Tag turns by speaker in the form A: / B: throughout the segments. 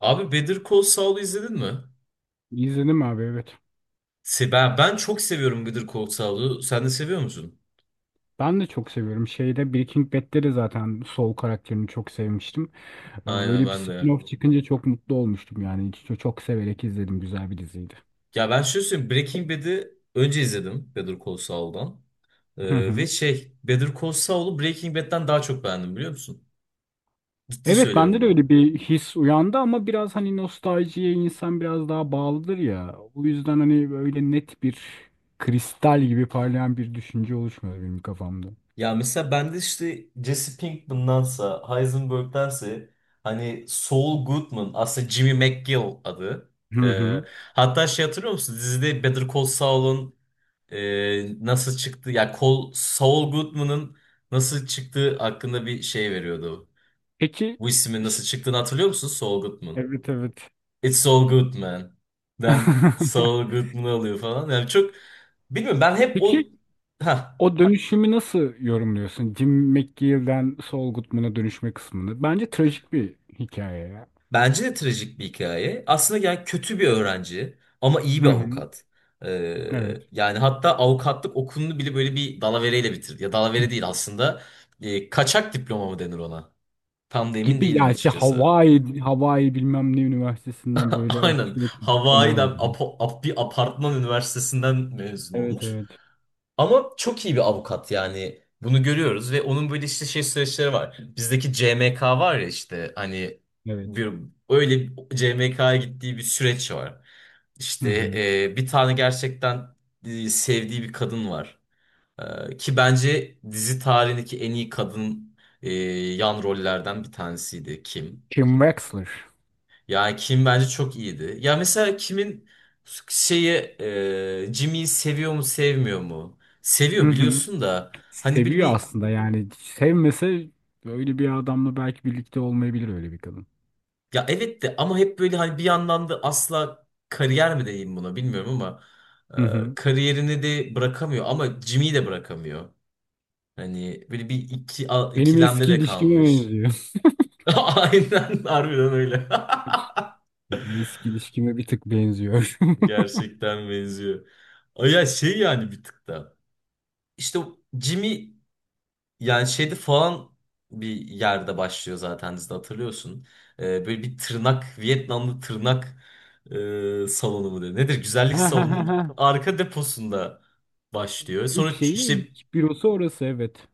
A: Abi Better Call Saul'u izledin mi?
B: İzledim abi, evet.
A: Ben çok seviyorum Better Call Saul'u. Sen de seviyor musun?
B: Ben de çok seviyorum. Şeyde Breaking Bad'de de zaten Saul karakterini çok sevmiştim.
A: Aynen
B: Öyle bir
A: ben de.
B: spin-off çıkınca çok mutlu olmuştum yani. Çok severek izledim. Güzel bir diziydi.
A: Ya ben şöyle söyleyeyim. Breaking Bad'i önce izledim Better Call Saul'dan.
B: Hı
A: Ve
B: hı.
A: şey Better Call Saul'u Breaking Bad'den daha çok beğendim biliyor musun? Ciddi
B: Evet,
A: söylüyorum
B: bende de
A: bunu.
B: öyle bir his uyandı ama biraz hani nostaljiye insan biraz daha bağlıdır ya. O yüzden hani böyle net bir kristal gibi parlayan bir düşünce oluşmadı benim kafamda.
A: Ya mesela ben de işte Jesse Pinkman'dansa Heisenberg'dense hani Saul Goodman aslında Jimmy McGill adı.
B: Hı
A: Ee,
B: hı.
A: Hatta şey hatırlıyor musun? Dizide Better Call Saul'un nasıl çıktı ya Col Saul Goodman'ın nasıl çıktığı hakkında bir şey veriyordu.
B: Peki
A: Bu ismin nasıl
B: ş-
A: çıktığını hatırlıyor musun? Saul Goodman.
B: evet, evet.
A: It's Saul Goodman. Ben Saul Goodman'ı alıyor falan. Yani çok bilmiyorum ben hep o
B: Peki,
A: ha
B: o dönüşümü nasıl yorumluyorsun? Jim McGill'den Saul Goodman'a dönüşme kısmını. Bence trajik bir hikaye ya.
A: bence de trajik bir hikaye. Aslında yani kötü bir öğrenci ama iyi
B: Hı
A: bir
B: hı,
A: avukat.
B: evet.
A: Yani hatta avukatlık okulunu bile böyle bir dalavereyle bitirdi. Ya dalavere değil aslında. Kaçak diploma mı denir ona? Tam da emin
B: Gibi
A: değilim
B: yani şey
A: açıkçası.
B: Hawaii bilmem ne üniversitesinden böyle abuk
A: Aynen.
B: sabuk bir diploma
A: Hawaii'den
B: alıyordum.
A: apo- ap- bir apartman üniversitesinden mezun
B: Evet,
A: olmuş.
B: evet.
A: Ama çok iyi bir avukat yani. Bunu görüyoruz ve onun böyle işte şey süreçleri var. Bizdeki CMK var ya işte hani
B: Evet.
A: bir öyle CMK'ya gittiği bir süreç var.
B: Hı
A: İşte
B: hı.
A: bir tane gerçekten sevdiği bir kadın var. E, ki bence dizi tarihindeki en iyi kadın yan rollerden bir tanesiydi Kim.
B: Kim Wexler.
A: Yani Kim bence çok iyiydi. Ya mesela Kim'in şeyi Jimmy'yi seviyor mu sevmiyor mu?
B: Hı
A: Seviyor
B: hı.
A: biliyorsun da hani bir
B: Seviyor
A: bir
B: aslında yani. Sevmese böyle bir adamla belki birlikte olmayabilir öyle bir kadın.
A: ya evet de ama hep böyle hani bir yandan da asla kariyer mi diyeyim buna bilmiyorum ama
B: Hı hı.
A: kariyerini de bırakamıyor ama Jimmy'yi de bırakamıyor. Hani böyle bir
B: Benim
A: ikilemde
B: eski
A: de
B: ilişkime
A: kalmış.
B: benziyor.
A: Aynen harbiden öyle.
B: Benim eski ilişkime bir tık benziyor.
A: Gerçekten benziyor. Ay ya şey yani bir tık da. İşte o Jimmy yani şeyde falan bir yerde başlıyor zaten dizide hatırlıyorsun. Böyle bir tırnak, Vietnamlı tırnak salonu mu diyor. Nedir? Güzellik
B: Ha ha ha
A: salonunun
B: ha.
A: arka deposunda başlıyor.
B: İlk şeyi,
A: İşte
B: ilk bürosu orası, evet.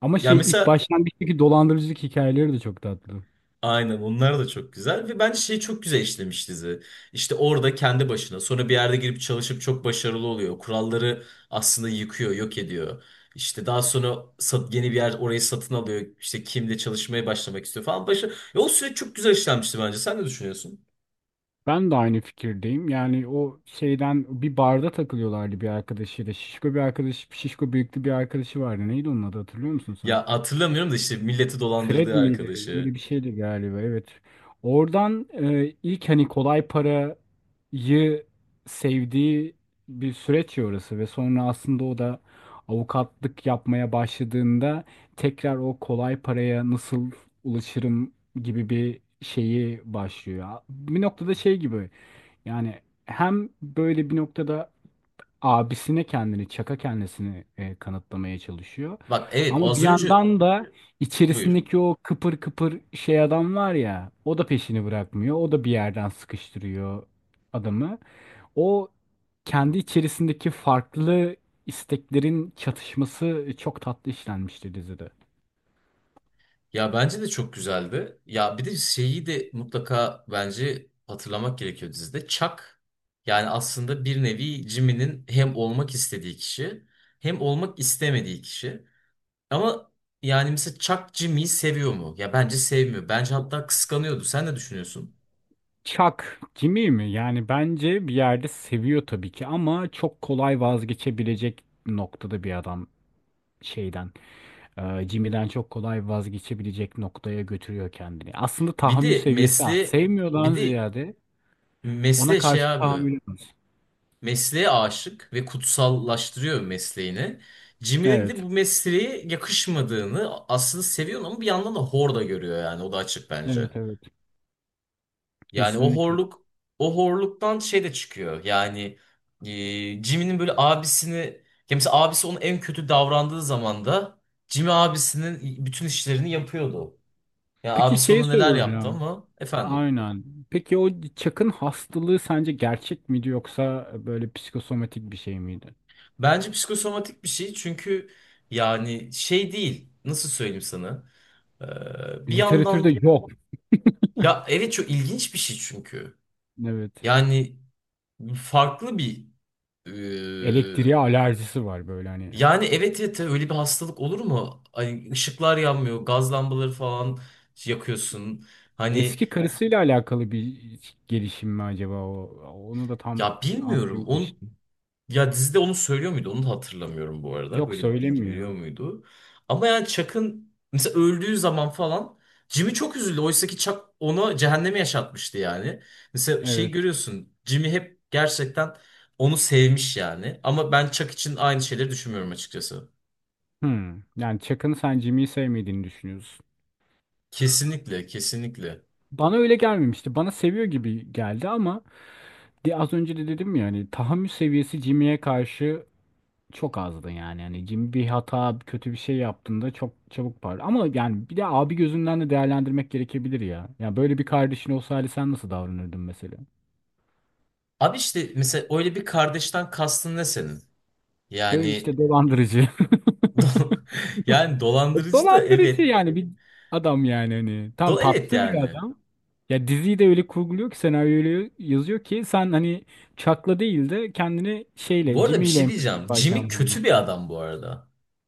B: Ama
A: yani
B: şey, ilk
A: mesela
B: başlangıçtaki dolandırıcılık hikayeleri de çok tatlı.
A: aynen onlar da çok güzel ve bence şeyi çok güzel işlemiş dizi. İşte orada kendi başına sonra bir yerde girip çalışıp çok başarılı oluyor. Kuralları aslında yıkıyor, yok ediyor. Yeni bir yer orayı satın alıyor. İşte kimle çalışmaya başlamak istiyor falan. Başı, ya o süreç çok güzel işlenmişti bence. Sen ne düşünüyorsun?
B: Ben de aynı fikirdeyim. Yani o şeyden bir barda takılıyorlardı bir arkadaşıyla. Şişko büyüklü bir arkadaşı vardı. Neydi onun adı, hatırlıyor musun sen?
A: Ya hatırlamıyorum da işte milleti
B: Fred
A: dolandırdığı
B: miydi? Böyle
A: arkadaşı.
B: bir şeydi galiba. Evet. Oradan ilk hani kolay parayı sevdiği bir süreç ya orası ve sonra aslında o da avukatlık yapmaya başladığında tekrar o kolay paraya nasıl ulaşırım gibi bir şeyi başlıyor. Bir noktada şey gibi yani, hem böyle bir noktada abisine çaka kendisini kanıtlamaya çalışıyor.
A: Bak evet o
B: Ama bir
A: az önce
B: yandan da
A: buyur.
B: içerisindeki o kıpır kıpır şey adam var ya, o da peşini bırakmıyor. O da bir yerden sıkıştırıyor adamı. O kendi içerisindeki farklı isteklerin çatışması çok tatlı işlenmişti dizide.
A: Ya bence de çok güzeldi. Ya bir de şeyi de mutlaka bence hatırlamak gerekiyor dizide. Chuck yani aslında bir nevi Jimmy'nin hem olmak istediği kişi hem olmak istemediği kişi. Ama yani mesela Chuck Jimmy'yi seviyor mu? Ya bence sevmiyor. Bence hatta kıskanıyordu. Sen ne düşünüyorsun?
B: Chuck kimi mi? Yani bence bir yerde seviyor tabii ki ama çok kolay vazgeçebilecek noktada bir adam şeyden. Ee, Jimmy'den çok kolay vazgeçebilecek noktaya götürüyor kendini. Aslında
A: Bir
B: tahammül
A: de
B: seviyesi az.
A: mesleğe
B: Sevmiyordan
A: bir de
B: ziyade ona
A: Mesleğe
B: karşı
A: şey abi.
B: tahammülü az.
A: Mesleğe aşık ve kutsallaştırıyor mesleğini. Jimmy'nin de
B: Evet.
A: bu mesleğe yakışmadığını aslında seviyor ama bir yandan da hor da görüyor yani o da açık bence.
B: Evet, evet.
A: Yani o
B: Kesinlikle.
A: horluk o horluktan şey de çıkıyor. Yani Jimmy'nin böyle abisini ya mesela abisi onun en kötü davrandığı zaman da Jimmy abisinin bütün işlerini yapıyordu. Yani
B: Peki
A: abisi
B: şey
A: ona neler yaptı
B: soracağım.
A: ama efendim.
B: Aynen. Peki, o Chuck'ın hastalığı sence gerçek miydi yoksa böyle psikosomatik bir şey miydi?
A: Bence psikosomatik bir şey çünkü yani şey değil. Nasıl söyleyeyim sana? Bir
B: Literatürde
A: yandan
B: yok.
A: ya evet çok ilginç bir şey çünkü.
B: Evet.
A: Yani farklı bir e,
B: Elektriğe alerjisi var böyle hani.
A: yani evet tabii öyle bir hastalık olur mu? Hani ışıklar yanmıyor, gaz lambaları falan yakıyorsun. Hani
B: Eski karısıyla alakalı bir gelişim mi acaba o? Onu da tam
A: ya bilmiyorum. Onu
B: anlayamamıştım.
A: ya dizide onu söylüyor muydu? Onu da hatırlamıyorum bu arada.
B: Yok,
A: Böyle bir bilgi veriyor
B: söylemiyor.
A: muydu? Ama yani Chuck'ın mesela öldüğü zaman falan Jimmy çok üzüldü. Oysa ki Chuck ona cehennemi yaşatmıştı yani. Mesela şey
B: Evet.
A: görüyorsun. Jimmy hep gerçekten onu sevmiş yani. Ama ben Chuck için aynı şeyleri düşünmüyorum açıkçası.
B: Hmm. Yani Chuck'ın sen Jimmy'yi sevmediğini düşünüyorsun.
A: Kesinlikle, kesinlikle.
B: Bana öyle gelmemişti. Bana seviyor gibi geldi ama de az önce de dedim ya, hani tahammül seviyesi Jimmy'ye karşı çok azdı yani. Yani Jimmy bir hata, kötü bir şey yaptığında çok çabuk parlıyor. Ama yani bir de abi gözünden de değerlendirmek gerekebilir ya. Ya böyle bir kardeşin olsa hali sen nasıl davranırdın mesela?
A: Abi işte mesela öyle bir kardeşten kastın ne senin?
B: Böyle
A: Yani
B: işte dolandırıcı.
A: do- yani dolandırıcı da
B: Dolandırıcı
A: evet.
B: yani bir adam yani hani tam
A: Do evet
B: tatlı bir
A: yani.
B: adam. Ya diziyi de öyle kurguluyor ki senaryoyu öyle yazıyor ki sen hani Chuck'la değil de kendini
A: Bu
B: şeyle
A: arada bir
B: Jimmy'yle
A: şey
B: empati
A: diyeceğim. Jimmy
B: yaparken
A: kötü bir
B: buluyorsun.
A: adam bu arada.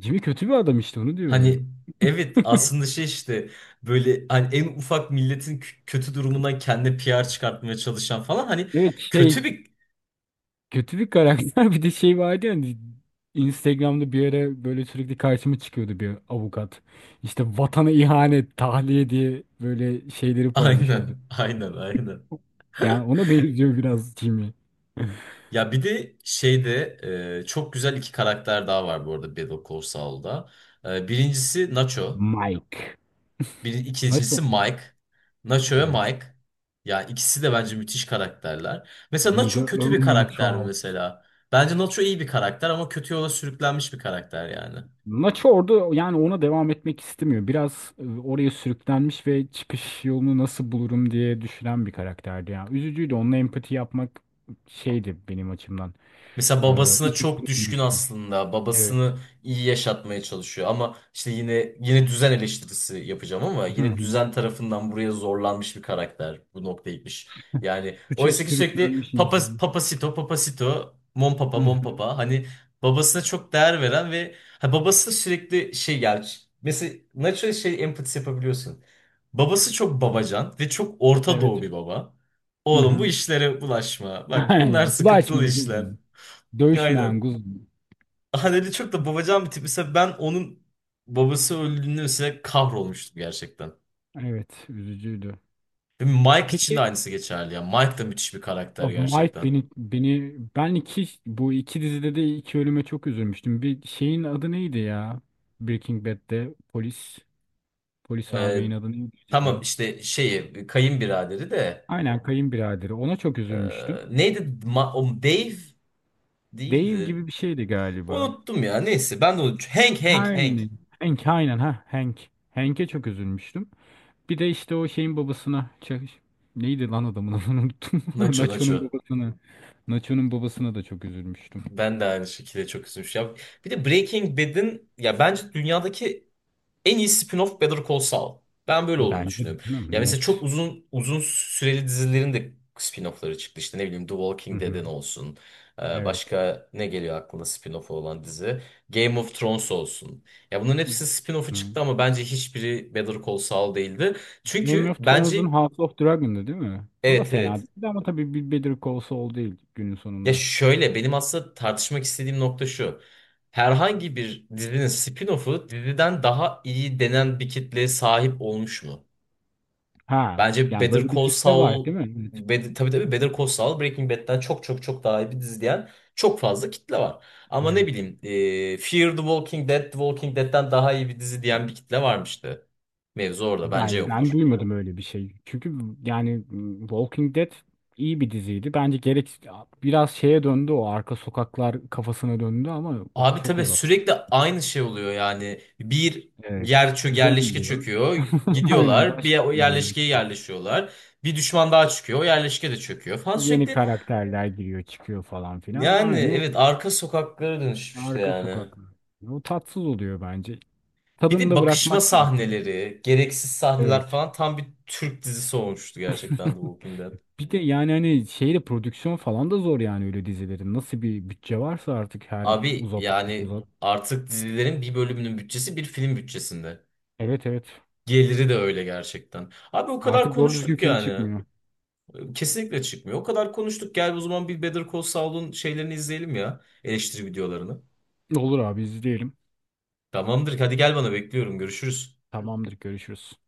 B: Jimmy kötü bir adam, işte onu
A: Hani
B: diyorum.
A: evet aslında şey işte böyle hani en ufak milletin kötü durumundan kendine PR çıkartmaya çalışan falan hani
B: Evet, şey,
A: kötü bir
B: kötü bir karakter. Bir de şey vardı ya hani, Instagram'da bir ara böyle sürekli karşıma çıkıyordu bir avukat. İşte vatana ihanet, tahliye diye böyle şeyleri paylaşıyordu.
A: aynen, aynen, aynen.
B: Yani ona benziyor biraz Jimmy.
A: Ya bir de şeyde çok güzel iki karakter daha var bu arada Better Call Saul'da. E, birincisi Nacho.
B: Mike. Nasıl
A: İkincisi
B: mı?
A: Mike. Nacho ve
B: Evet.
A: Mike. Ya ikisi de bence müthiş karakterler. Mesela
B: The
A: Nacho kötü bir
B: Omen
A: karakter mi
B: Trial.
A: mesela? Bence Nacho iyi bir karakter ama kötü yola sürüklenmiş bir karakter yani.
B: Nacho orada yani ona devam etmek istemiyor. Biraz oraya sürüklenmiş ve çıkış yolunu nasıl bulurum diye düşünen bir karakterdi. Yani üzücüydü. Onunla empati yapmak şeydi benim açımdan.
A: Mesela babasına
B: Üzücü
A: çok
B: benim
A: düşkün
B: için.
A: aslında.
B: Evet.
A: Babasını iyi yaşatmaya çalışıyor ama işte yine düzen eleştirisi yapacağım ama
B: Hı
A: yine
B: hı.
A: düzen tarafından buraya zorlanmış bir karakter bu noktaya gitmiş. Yani
B: Suça
A: oysa ki sürekli
B: sürüklenmiş
A: papa,
B: insan.
A: papasito papasito mon papa
B: Hı
A: mon
B: hı.
A: papa hani babasına çok değer veren ve ha, babası sürekli şey yani mesela natural şey empatisi yapabiliyorsun. Babası çok babacan ve çok Orta Doğu
B: Evet.
A: bir baba.
B: Hı
A: Oğlum bu
B: hı.
A: işlere bulaşma. Bak bunlar
B: Aynen.
A: sıkıntılı
B: Bulaşmayan
A: işler.
B: kuzum. Dövüşmeyen
A: Aynen.
B: kuzum.
A: Haneli çok da babacan bir tip. Mesela ben onun babası öldüğünde mesela kahrolmuştum gerçekten.
B: Evet, üzücüydü.
A: Ve Mike için de
B: Peki
A: aynısı geçerli ya. Mike da müthiş bir karakter
B: abi, Mike,
A: gerçekten.
B: ben bu iki dizide de iki ölüme çok üzülmüştüm. Bir şeyin adı neydi ya? Breaking Bad'de polis
A: Ee,
B: ağabeyin adı neydi
A: tamam
B: acaba?
A: işte şeyi kayınbiraderi de
B: Aynen, kayınbiraderi. Ona çok
A: e,
B: üzülmüştüm.
A: neydi? O Dave
B: Dave
A: değildi.
B: gibi bir şeydi galiba.
A: Unuttum ya. Neyse ben de unuttum. Hank Hank
B: Her
A: Hank.
B: ne? Hank, aynen, ha Hank. Hank'e çok üzülmüştüm. Bir de işte o şeyin neydi lan adamın adını unuttum.
A: Nacho
B: Nacho'nun
A: Nacho.
B: babasına. Nacho'nun babasına da çok üzülmüştüm.
A: Ben de aynı şekilde çok üzülmüş. Ya bir de Breaking Bad'in ya bence dünyadaki en iyi spin-off Better Call Saul. Ben böyle olduğunu
B: Bence de
A: düşünüyorum. Ya
B: canım,
A: mesela çok
B: net.
A: uzun süreli dizilerin de spin-off'ları çıktı. İşte ne bileyim The
B: Hı
A: Walking
B: hı.
A: Dead'in olsun.
B: Evet.
A: Başka ne geliyor aklına spin-off olan dizi? Game of Thrones olsun. Ya bunların hepsi spin-off'u
B: Hı.
A: çıktı ama bence hiçbiri Better Call Saul değildi.
B: Game
A: Çünkü
B: of Thrones'un
A: bence
B: House of Dragon'dı değil mi? O da
A: evet,
B: fena
A: evet.
B: değildi ama tabii bir Better Call Saul değil günün
A: Ya
B: sonunda.
A: şöyle benim aslında tartışmak istediğim nokta şu. Herhangi bir dizinin spin-off'u diziden daha iyi denen bir kitleye sahip olmuş mu?
B: Ha,
A: Bence
B: yani
A: Better
B: böyle bir
A: Call
B: kitle var
A: Saul
B: değil mi? Evet.
A: Tabii tabii Better Call Saul Breaking Bad'den çok çok çok daha iyi bir dizi diyen çok fazla kitle var. Ama ne
B: Evet.
A: bileyim Fear the Walking Dead, The Walking Dead'den daha iyi bir dizi diyen bir kitle varmıştı. Mevzu orada bence
B: Ben
A: yoktur.
B: duymadım öyle bir şey. Çünkü yani Walking Dead iyi bir diziydi. Bence gerek biraz şeye döndü, o arka sokaklar kafasına döndü ama o
A: Abi
B: çok
A: tabii
B: uzattı.
A: sürekli aynı şey oluyor yani. Bir
B: Evet.
A: yer çö
B: Zombi
A: yerleşke
B: diyor.
A: çöküyor.
B: Aynen,
A: Gidiyorlar bir
B: başka
A: o
B: bir yerli.
A: yerleşkeye yerleşiyorlar. Bir düşman daha çıkıyor. O yerleşke de çöküyor falan
B: Yeni
A: sürekli.
B: karakterler giriyor çıkıyor falan filan.
A: Yani
B: Aynı
A: evet arka sokaklara dönüşmüştü
B: arka
A: yani.
B: sokaklar. O tatsız oluyor bence.
A: Bir
B: Tadını
A: de
B: da
A: bakışma
B: bırakmak gerekiyor.
A: sahneleri, gereksiz sahneler
B: Evet.
A: falan tam bir Türk dizisi olmuştu gerçekten The Walking Dead.
B: Bir de yani hani şeyde prodüksiyon falan da zor yani öyle dizilerin. Nasıl bir bütçe varsa artık her
A: Abi
B: uzat
A: yani
B: uzat.
A: artık dizilerin bir bölümünün bütçesi bir film bütçesinde.
B: Evet, evet.
A: Geliri de öyle gerçekten. Abi o kadar
B: Artık doğru düzgün
A: konuştuk
B: film
A: yani.
B: çıkmıyor.
A: Kesinlikle çıkmıyor. O kadar konuştuk. Gel o zaman bir Better Call Saul'un şeylerini izleyelim ya. Eleştiri videolarını.
B: Olur abi, izleyelim.
A: Tamamdır. Hadi gel bana bekliyorum. Görüşürüz.
B: Tamamdır, görüşürüz.